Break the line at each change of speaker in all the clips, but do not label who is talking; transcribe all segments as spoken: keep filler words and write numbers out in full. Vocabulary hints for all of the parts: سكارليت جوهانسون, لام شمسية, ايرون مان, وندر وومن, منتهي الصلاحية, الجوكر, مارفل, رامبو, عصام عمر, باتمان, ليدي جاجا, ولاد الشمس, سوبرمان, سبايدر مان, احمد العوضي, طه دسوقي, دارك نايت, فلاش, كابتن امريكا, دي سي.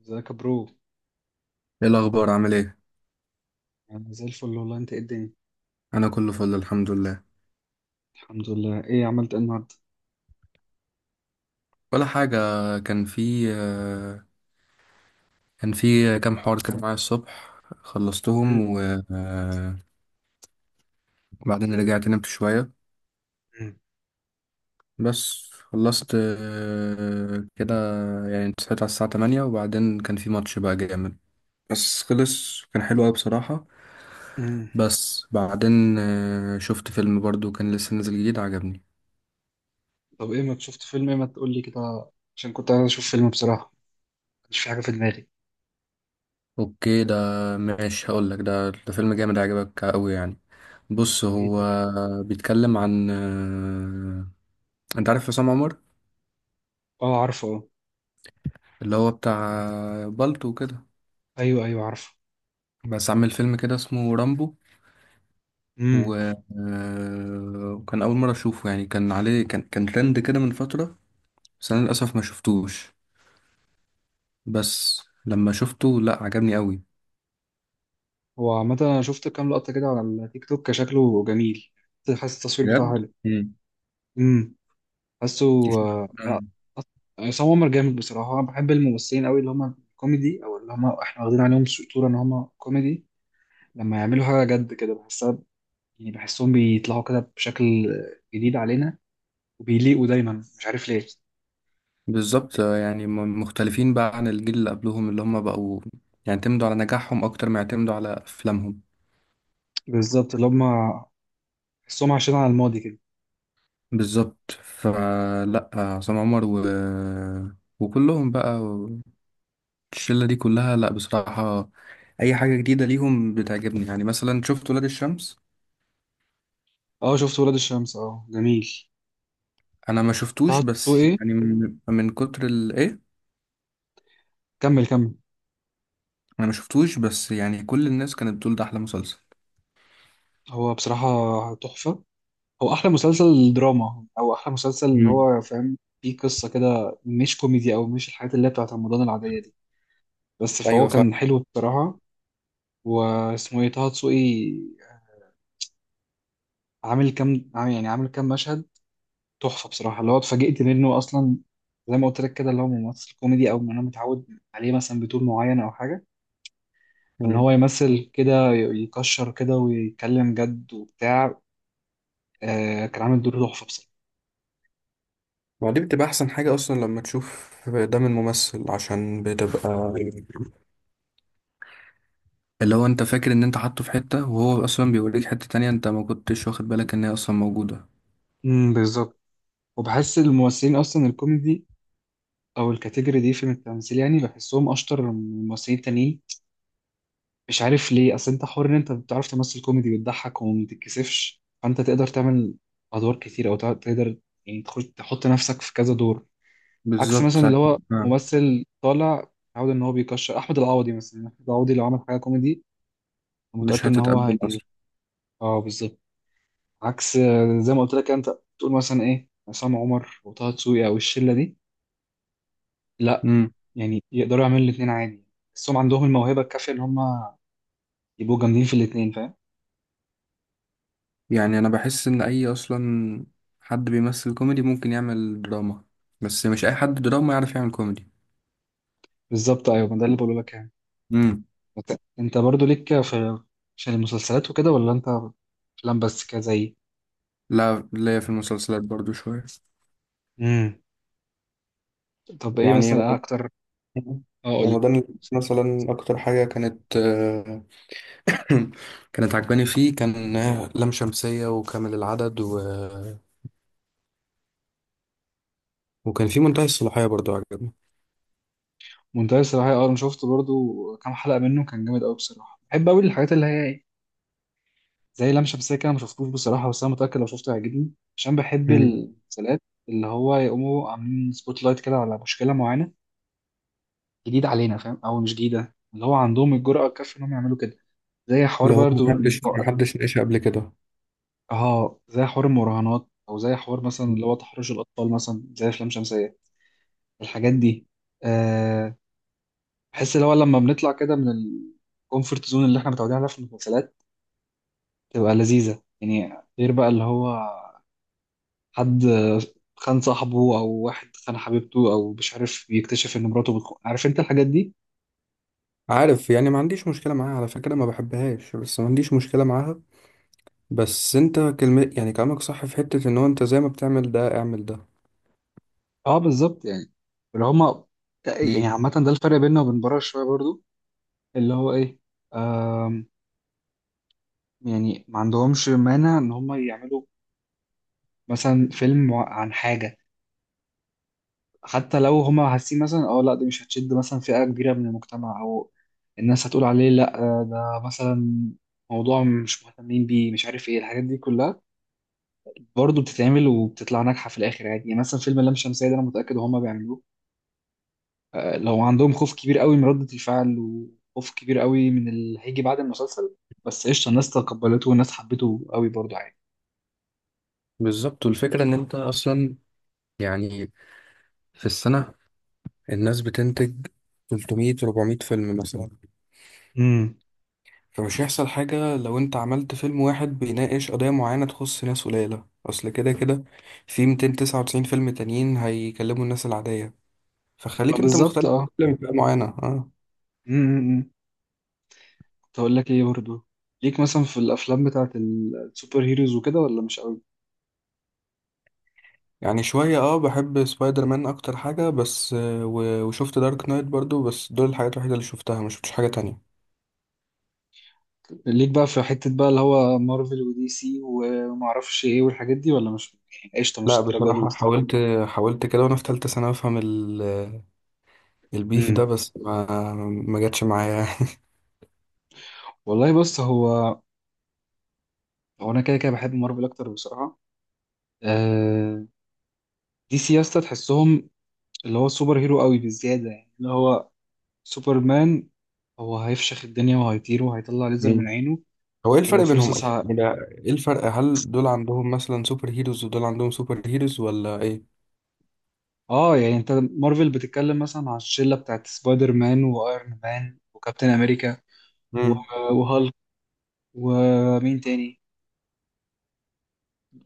ازيك يا برو؟
ايه الاخبار؟ عامل ايه؟
انا زي الفل والله. انت ايه الدنيا؟
انا كله فل الحمد لله.
الحمد لله. ايه عملت ايه النهارده؟
ولا حاجه. كان في آه، كان في كام حوار كده معايا الصبح
مم.
خلصتهم و- آه، وبعدين رجعت نمت شويه.
مم.
بس خلصت آه، كده، يعني صحيت على الساعه تمانية، وبعدين كان في ماتش بقى جامد بس خلص، كان حلو قوي بصراحه.
امم.
بس بعدين آه، شفت فيلم برضو كان لسه نازل جديد، عجبني.
طب ايه ما شفت فيلم؟ ايه ما تقول لي كده عشان كنت عايز اشوف فيلم بصراحه. مش في حاجه في دماغي.
اوكي، ده ماشي. هقول لك ده ده فيلم جامد عجبك قوي يعني. بص،
إيه
هو
ده؟
بيتكلم عن آه، انت عارف عصام عمر؟
اه، عارفه، اه.
اللي هو بتاع بالطو وكده،
ايوه، ايوه، عارفه.
بس عامل فيلم كده اسمه رامبو. و...
امم.
آه، وكان اول مره اشوفه، يعني كان عليه كان كان ترند كده من فتره، بس انا للاسف ما شفتوش. بس لما شفته، لا عجبني قوي
هو عامه انا شفت كام لقطه كده على التيك توك، شكله جميل. حاسس التصوير بتاعه
بجد.
حلو. امم. حاسه. آه، لا.
مم.
أص- عصام عمر جامد بصراحه، انا بحب الممثلين قوي اللي هم كوميدي او اللي هم احنا واخدين عليهم صوره ان هم كوميدي. لما يعملوا حاجه جد كده بحسها، يعني بحسهم بيطلعوا كده بشكل جديد علينا وبيليقوا دايما، مش عارف ليه.
بالظبط آه، يعني م- مختلفين بقى عن الجيل اللي قبلهم، اللي هم بقوا يعتمدوا على نجاحهم أكتر ما يعتمدوا على أفلامهم.
بالظبط، اللي هم بحسهم عايشين على الماضي كده.
بالظبط، فلا عصام عمر و... وكلهم بقى، الشلة دي كلها، لا بصراحة أي حاجة جديدة ليهم بتعجبني. يعني مثلا شفت ولاد الشمس؟
اه شفت ولاد الشمس، اه جميل.
أنا ما
طه
شفتوش،
دسوقي
بس
إيه؟
يعني من، من كتر الإيه.
كمل كمل.
أنا ما شفتوش، بس يعني كل الناس كانت بتقول ده أحلى مسلسل.
هو بصراحة تحفة. هو أحلى مسلسل دراما أو أحلى مسلسل اللي
مم.
هو فاهم فيه قصة كده، مش كوميدي أو مش الحاجات اللي هي بتاعت رمضان العادية دي. بس فهو
ايوه.
كان حلو بصراحة. واسمه إيه؟ طه دسوقي. عامل كام عامل- يعني عامل كام مشهد. تحفه بصراحه، اللي هو اتفاجئت منه اصلا. زي ما قلت لك كده، اللي هو ممثل كوميدي او انا متعود عليه مثلا بطول معين او حاجه. ان
فاهم.
هو يمثل كده، ي- يكشر كده ويتكلم جد وبتاع. آه كان عامل دور تحفه بصراحه.
ما دي بتبقى احسن حاجة اصلا لما تشوف دم الممثل، عشان بتبقى اللي هو انت فاكر ان انت حاطه في حتة، وهو اصلا بيوريك حتة تانية انت ما كنتش واخد بالك ان هي اصلا موجودة.
امم، بالظبط. وبحس الممثلين اصلا الكوميدي او الكاتيجوري دي في التمثيل، يعني بحسهم اشطر من الممثلين التانيين. مش عارف ليه. اصل انت حر ان انت بتعرف تمثل كوميدي، بتضحك وما بتتكسفش، فانت تقدر تعمل ادوار كتير او تع- تقدر يعني تخش تحط نفسك في كذا دور. عكس
بالظبط.
مثلا اللي هو
آه،
ممثل طالع متعود ان هو بيكشر، احمد العوضي مثلا. احمد العوضي لو عمل حاجه كوميدي أنا متاكد
مش
ان هو
هتتقبل
هي.
اصلا.
اه، بالظبط. عكس، آه، زي ما قلت لك انت. تقول مثلا ايه؟ عصام عمر وطه دسوقي او الشله دي. لا،
امم.
يعني يقدروا يعملوا الاثنين عادي. بس هم عندهم الموهبه الكافيه ان هم يبقوا جامدين في الاثنين، فاهم.
يعني انا بحس ان اي اصلا حد بيمثل كوميدي ممكن يعمل دراما، بس مش اي حد دراما يعرف يعمل كوميدي.
بالظبط، ايوه، ما ده اللي بقوله لك يعني.
امم.
أنت أنت برضو ليك في، عشان المسلسلات وكده، ولا انت افلام بس كده زي.
لا، ليا في المسلسلات برضو شوية.
امم. طب ايه
يعني
مثلا
رمضان.
اكتر. اه.
رمضان مثلا اكتر حاجة كانت كانت عجباني فيه كان لام شمسية وكامل العدد و... وكان في منتهي الصلاحية برضو عجبني.
منتهي الصراحة، اه انا شفت برضو كام حلقة منه، كان جامد قوي بصراحة. بحب قوي الحاجات اللي هي ايه؟ زي لام شمسية كده، ما شفتوش بصراحة، بس انا متأكد لو شفته هيعجبني عشان بحب
مم.
المسلسلات اللي هو يقوموا عاملين سبوت لايت كده على مشكلة معينة جديدة علينا، فاهم، او مش جديدة، اللي هو عندهم الجرأة الكافية انهم يعملوا كده. زي حوار
اللي هو
برضو.
محدش محدش ناقشها قبل كده.
اه، زي حوار المراهنات او زي حوار مثلا
مم.
اللي هو تحرش الاطفال، مثلا زي افلام شمسية. الحاجات دي. أه. بحس اللي هو لما بنطلع كده من الكومفورت زون اللي احنا متعودين عليها في المسلسلات، تبقى لذيذة يعني. غير بقى اللي هو حد خان صاحبه أو واحد خان حبيبته أو مش عارف يكتشف إن مراته بتخون، عارف أنت الحاجات دي؟
عارف، يعني ما عنديش مشكلة معاها على فكرة، ما بحبهاش بس ما عنديش مشكلة معاها. بس انت كلمة، يعني كلامك صح في حتة ان هو انت زي ما بتعمل ده اعمل ده.
أه، بالظبط يعني. اللي هما يعني.
مم.
عامة ده الفرق بيننا وبين بره شوية برضو. اللي هو إيه. آم. يعني ما عندهمش مانع إن هما يعملوا مثلا فيلم عن حاجة، حتى لو هما حاسين مثلا اه لا دي مش هتشد مثلا فئة كبيرة من المجتمع او الناس هتقول عليه لا آه، ده مثلا موضوع مش مهتمين بيه، مش عارف ايه الحاجات دي كلها. برضه بتتعمل وبتطلع ناجحة في الآخر عادي. يعني مثلا فيلم اللام شمسية ده انا متأكد هما بيعملوه، آه، لو عندهم خوف كبير قوي من ردة الفعل وخوف كبير قوي من اللي هيجي بعد المسلسل. بس قشطة، الناس تقبلته والناس حبته قوي برضه عادي.
بالظبط. والفكرة ان انت اصلا يعني في السنة الناس بتنتج تلتمية اربعمية فيلم مثلا،
امم،
فمش هيحصل حاجة لو انت عملت فيلم واحد بيناقش قضية معينة تخص ناس قليلة. اصل كده كده في مئتين وتسعة وتسعين فيلم تانيين هيكلموا الناس العادية، فخليك انت
بالظبط.
مختلف
اه.
في فئة معينة. اه
مم، مم، مم. تقول لك ايه برضو. ليك مثلا في الافلام بتاعت ال- السوبر هيروز وكده، ولا مش قوي؟
يعني شوية. اه بحب سبايدر مان اكتر حاجة، بس آه، و- وشفت دارك نايت برضو، بس دول الحاجات الوحيدة اللي شفتها، ما شفتش حاجة تانية.
ليك بقى في حتة بقى اللي هو مارفل ودي سي وما اعرفش ايه والحاجات دي، ولا مش يعني قشطة مش
لا
الدرجة دي.
بصراحة حاولت. حاولت كده وانا في تالتة سنة افهم ال- البيف ده،
امم.
بس ما ما جاتش معايا.
والله بص هو. هو انا كده كده بحب مارفل اكتر بصراحة. آه، دي سي يا اسطى تحسهم اللي هو سوبر هيرو قوي بالزيادة، يعني اللي هو سوبرمان، هو هيفشخ الدنيا وهيطير وهيطلع ليزر من عينه
هو ايه
ولو
الفرق
في
بينهم
رصاص.
يعني؟ ولا ايه الفرق؟ هل دول عندهم مثلا سوبر هيروز ودول عندهم سوبر هيروز ولا ايه؟
اه، يعني انت مارفل بتتكلم مثلا على الشله بتاعت سبايدر مان وايرون مان وكابتن امريكا و-
امم.
وهالك، ومين تاني،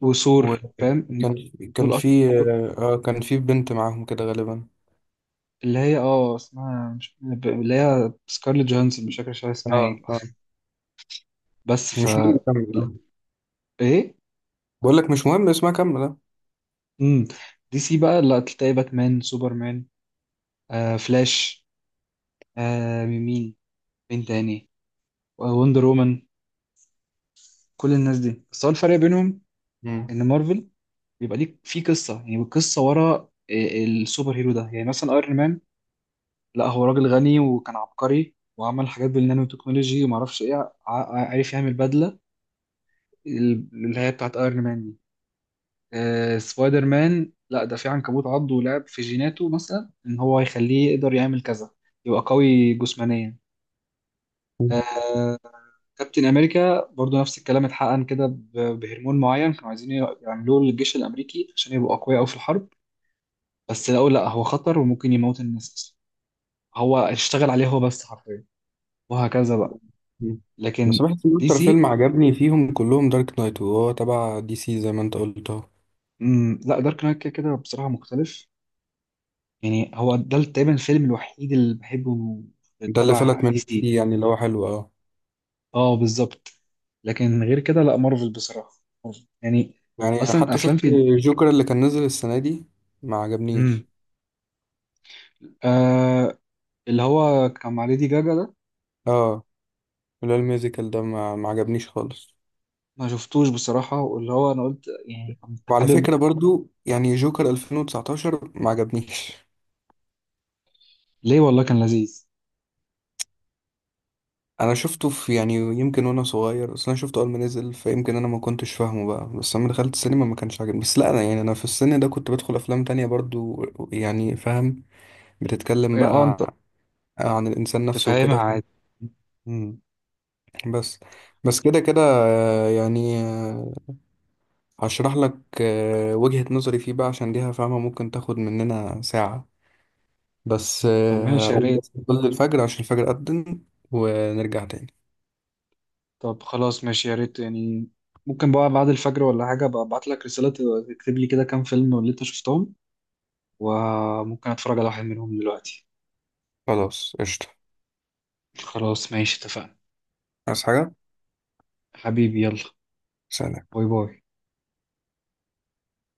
وثور، فاهم.
وكان كان
دول أش...
في
دول-
اه كان في بنت معاهم كده غالبا.
اللي هي اه اسمها مش ب- اللي هي سكارليت جوهانسون، مش فاكر شو اسمها
اه
ايه.
اه.
بس ف
مش مهم، كمل
لا،
اه.
ايه.
بقول لك مش مهم اسمها، كمل اه.
امم. دي سي بقى لا تلاقي باتمان، سوبرمان، آه فلاش، آه مين مين مين تاني، وندر وومن. كل الناس دي. بس هو الفرق بينهم
امم.
ان مارفل بيبقى ليك في قصه. يعني القصه ورا ال- السوبر هيرو ده. يعني مثلا ايرون مان، لا هو راجل غني وكان عبقري وعمل حاجات بالنانو تكنولوجي وما اعرفش ايه، ع- ع- عارف يعمل بدله ال- اللي هي بتاعت ايرون مان دي. آه سبايدر مان، لا ده في عنكبوت عضه ولعب في جيناته مثلا، ان هو يخليه يقدر يعمل كذا، يبقى قوي جسمانيا.
مم.
كابتن امريكا برضو نفس الكلام، اتحقن كده ب- بهرمون معين كانوا عايزين يعملوه للجيش الامريكي عشان يبقوا اقوياء قوي في الحرب. بس لقوا لا هو خطر وممكن يموت الناس. هو اشتغل عليه هو بس حرفيا. وهكذا بقى.
مم.
لكن.
بس بحس ان
دي
اكتر
سي.
فيلم عجبني فيهم كلهم دارك نايت، وهو تبع دي سي زي ما انت قلت اهو.
مم، لا دارك نايت كده كده بصراحة مختلف. يعني هو ده تقريبا الفيلم الوحيد اللي بحبه
ده اللي
تبع
فلت من
دي
دي
سي.
سي يعني، اللي هو حلو اه.
اه، بالظبط. لكن غير كده لا، مارفل بصراحة. مارفل. يعني
يعني
اصلا
حتى
افلام
شفت
في.
الجوكر اللي كان نزل السنة دي، ما
مم.
عجبنيش.
آه اللي هو كان مع ليدي جاجا ده.
اه لا الميوزيكال ده ما, ما عجبنيش خالص.
ما شفتوش بصراحة، واللي هو انا قلت يعني كنت
وعلى
حابب.
فكرة برضو يعني جوكر ألفين وتسعتاشر ما عجبنيش.
ليه؟ والله كان لذيذ
انا شفته في، يعني يمكن وانا صغير، اصل انا شفته اول ما نزل فيمكن انا ما كنتش فاهمه بقى. بس لما دخلت السينما ما كانش عاجبني. بس لا انا يعني انا في السن ده كنت بدخل افلام تانية برضو يعني. فاهم، بتتكلم
يعني. اه،
بقى
انت.
عن الانسان
كنت
نفسه
فاهمها
وكده.
عادي. مم.
بس، بس كده كده آه، يعني آه، هشرح لك آه، وجهة نظري فيه بقى عشان دي فاهمة ممكن تاخد مننا ساعة. بس
طب
آه،
ماشي، يا
هقوم
ريت.
بس قبل الفجر عشان الفجر أذن، ونرجع تاني.
طب خلاص، ماشي يا ريت يعني. ممكن بقى بعد الفجر ولا حاجة، أبقى أبعت لك رسالة تكتب لي كده كام فيلم اللي أنت شفتهم، وممكن أتفرج على واحد منهم دلوقتي.
خلاص قشطة.
خلاص، ماشي، اتفقنا.
عايز حاجة؟
حبيبي يلا.
سلام.
باي باي.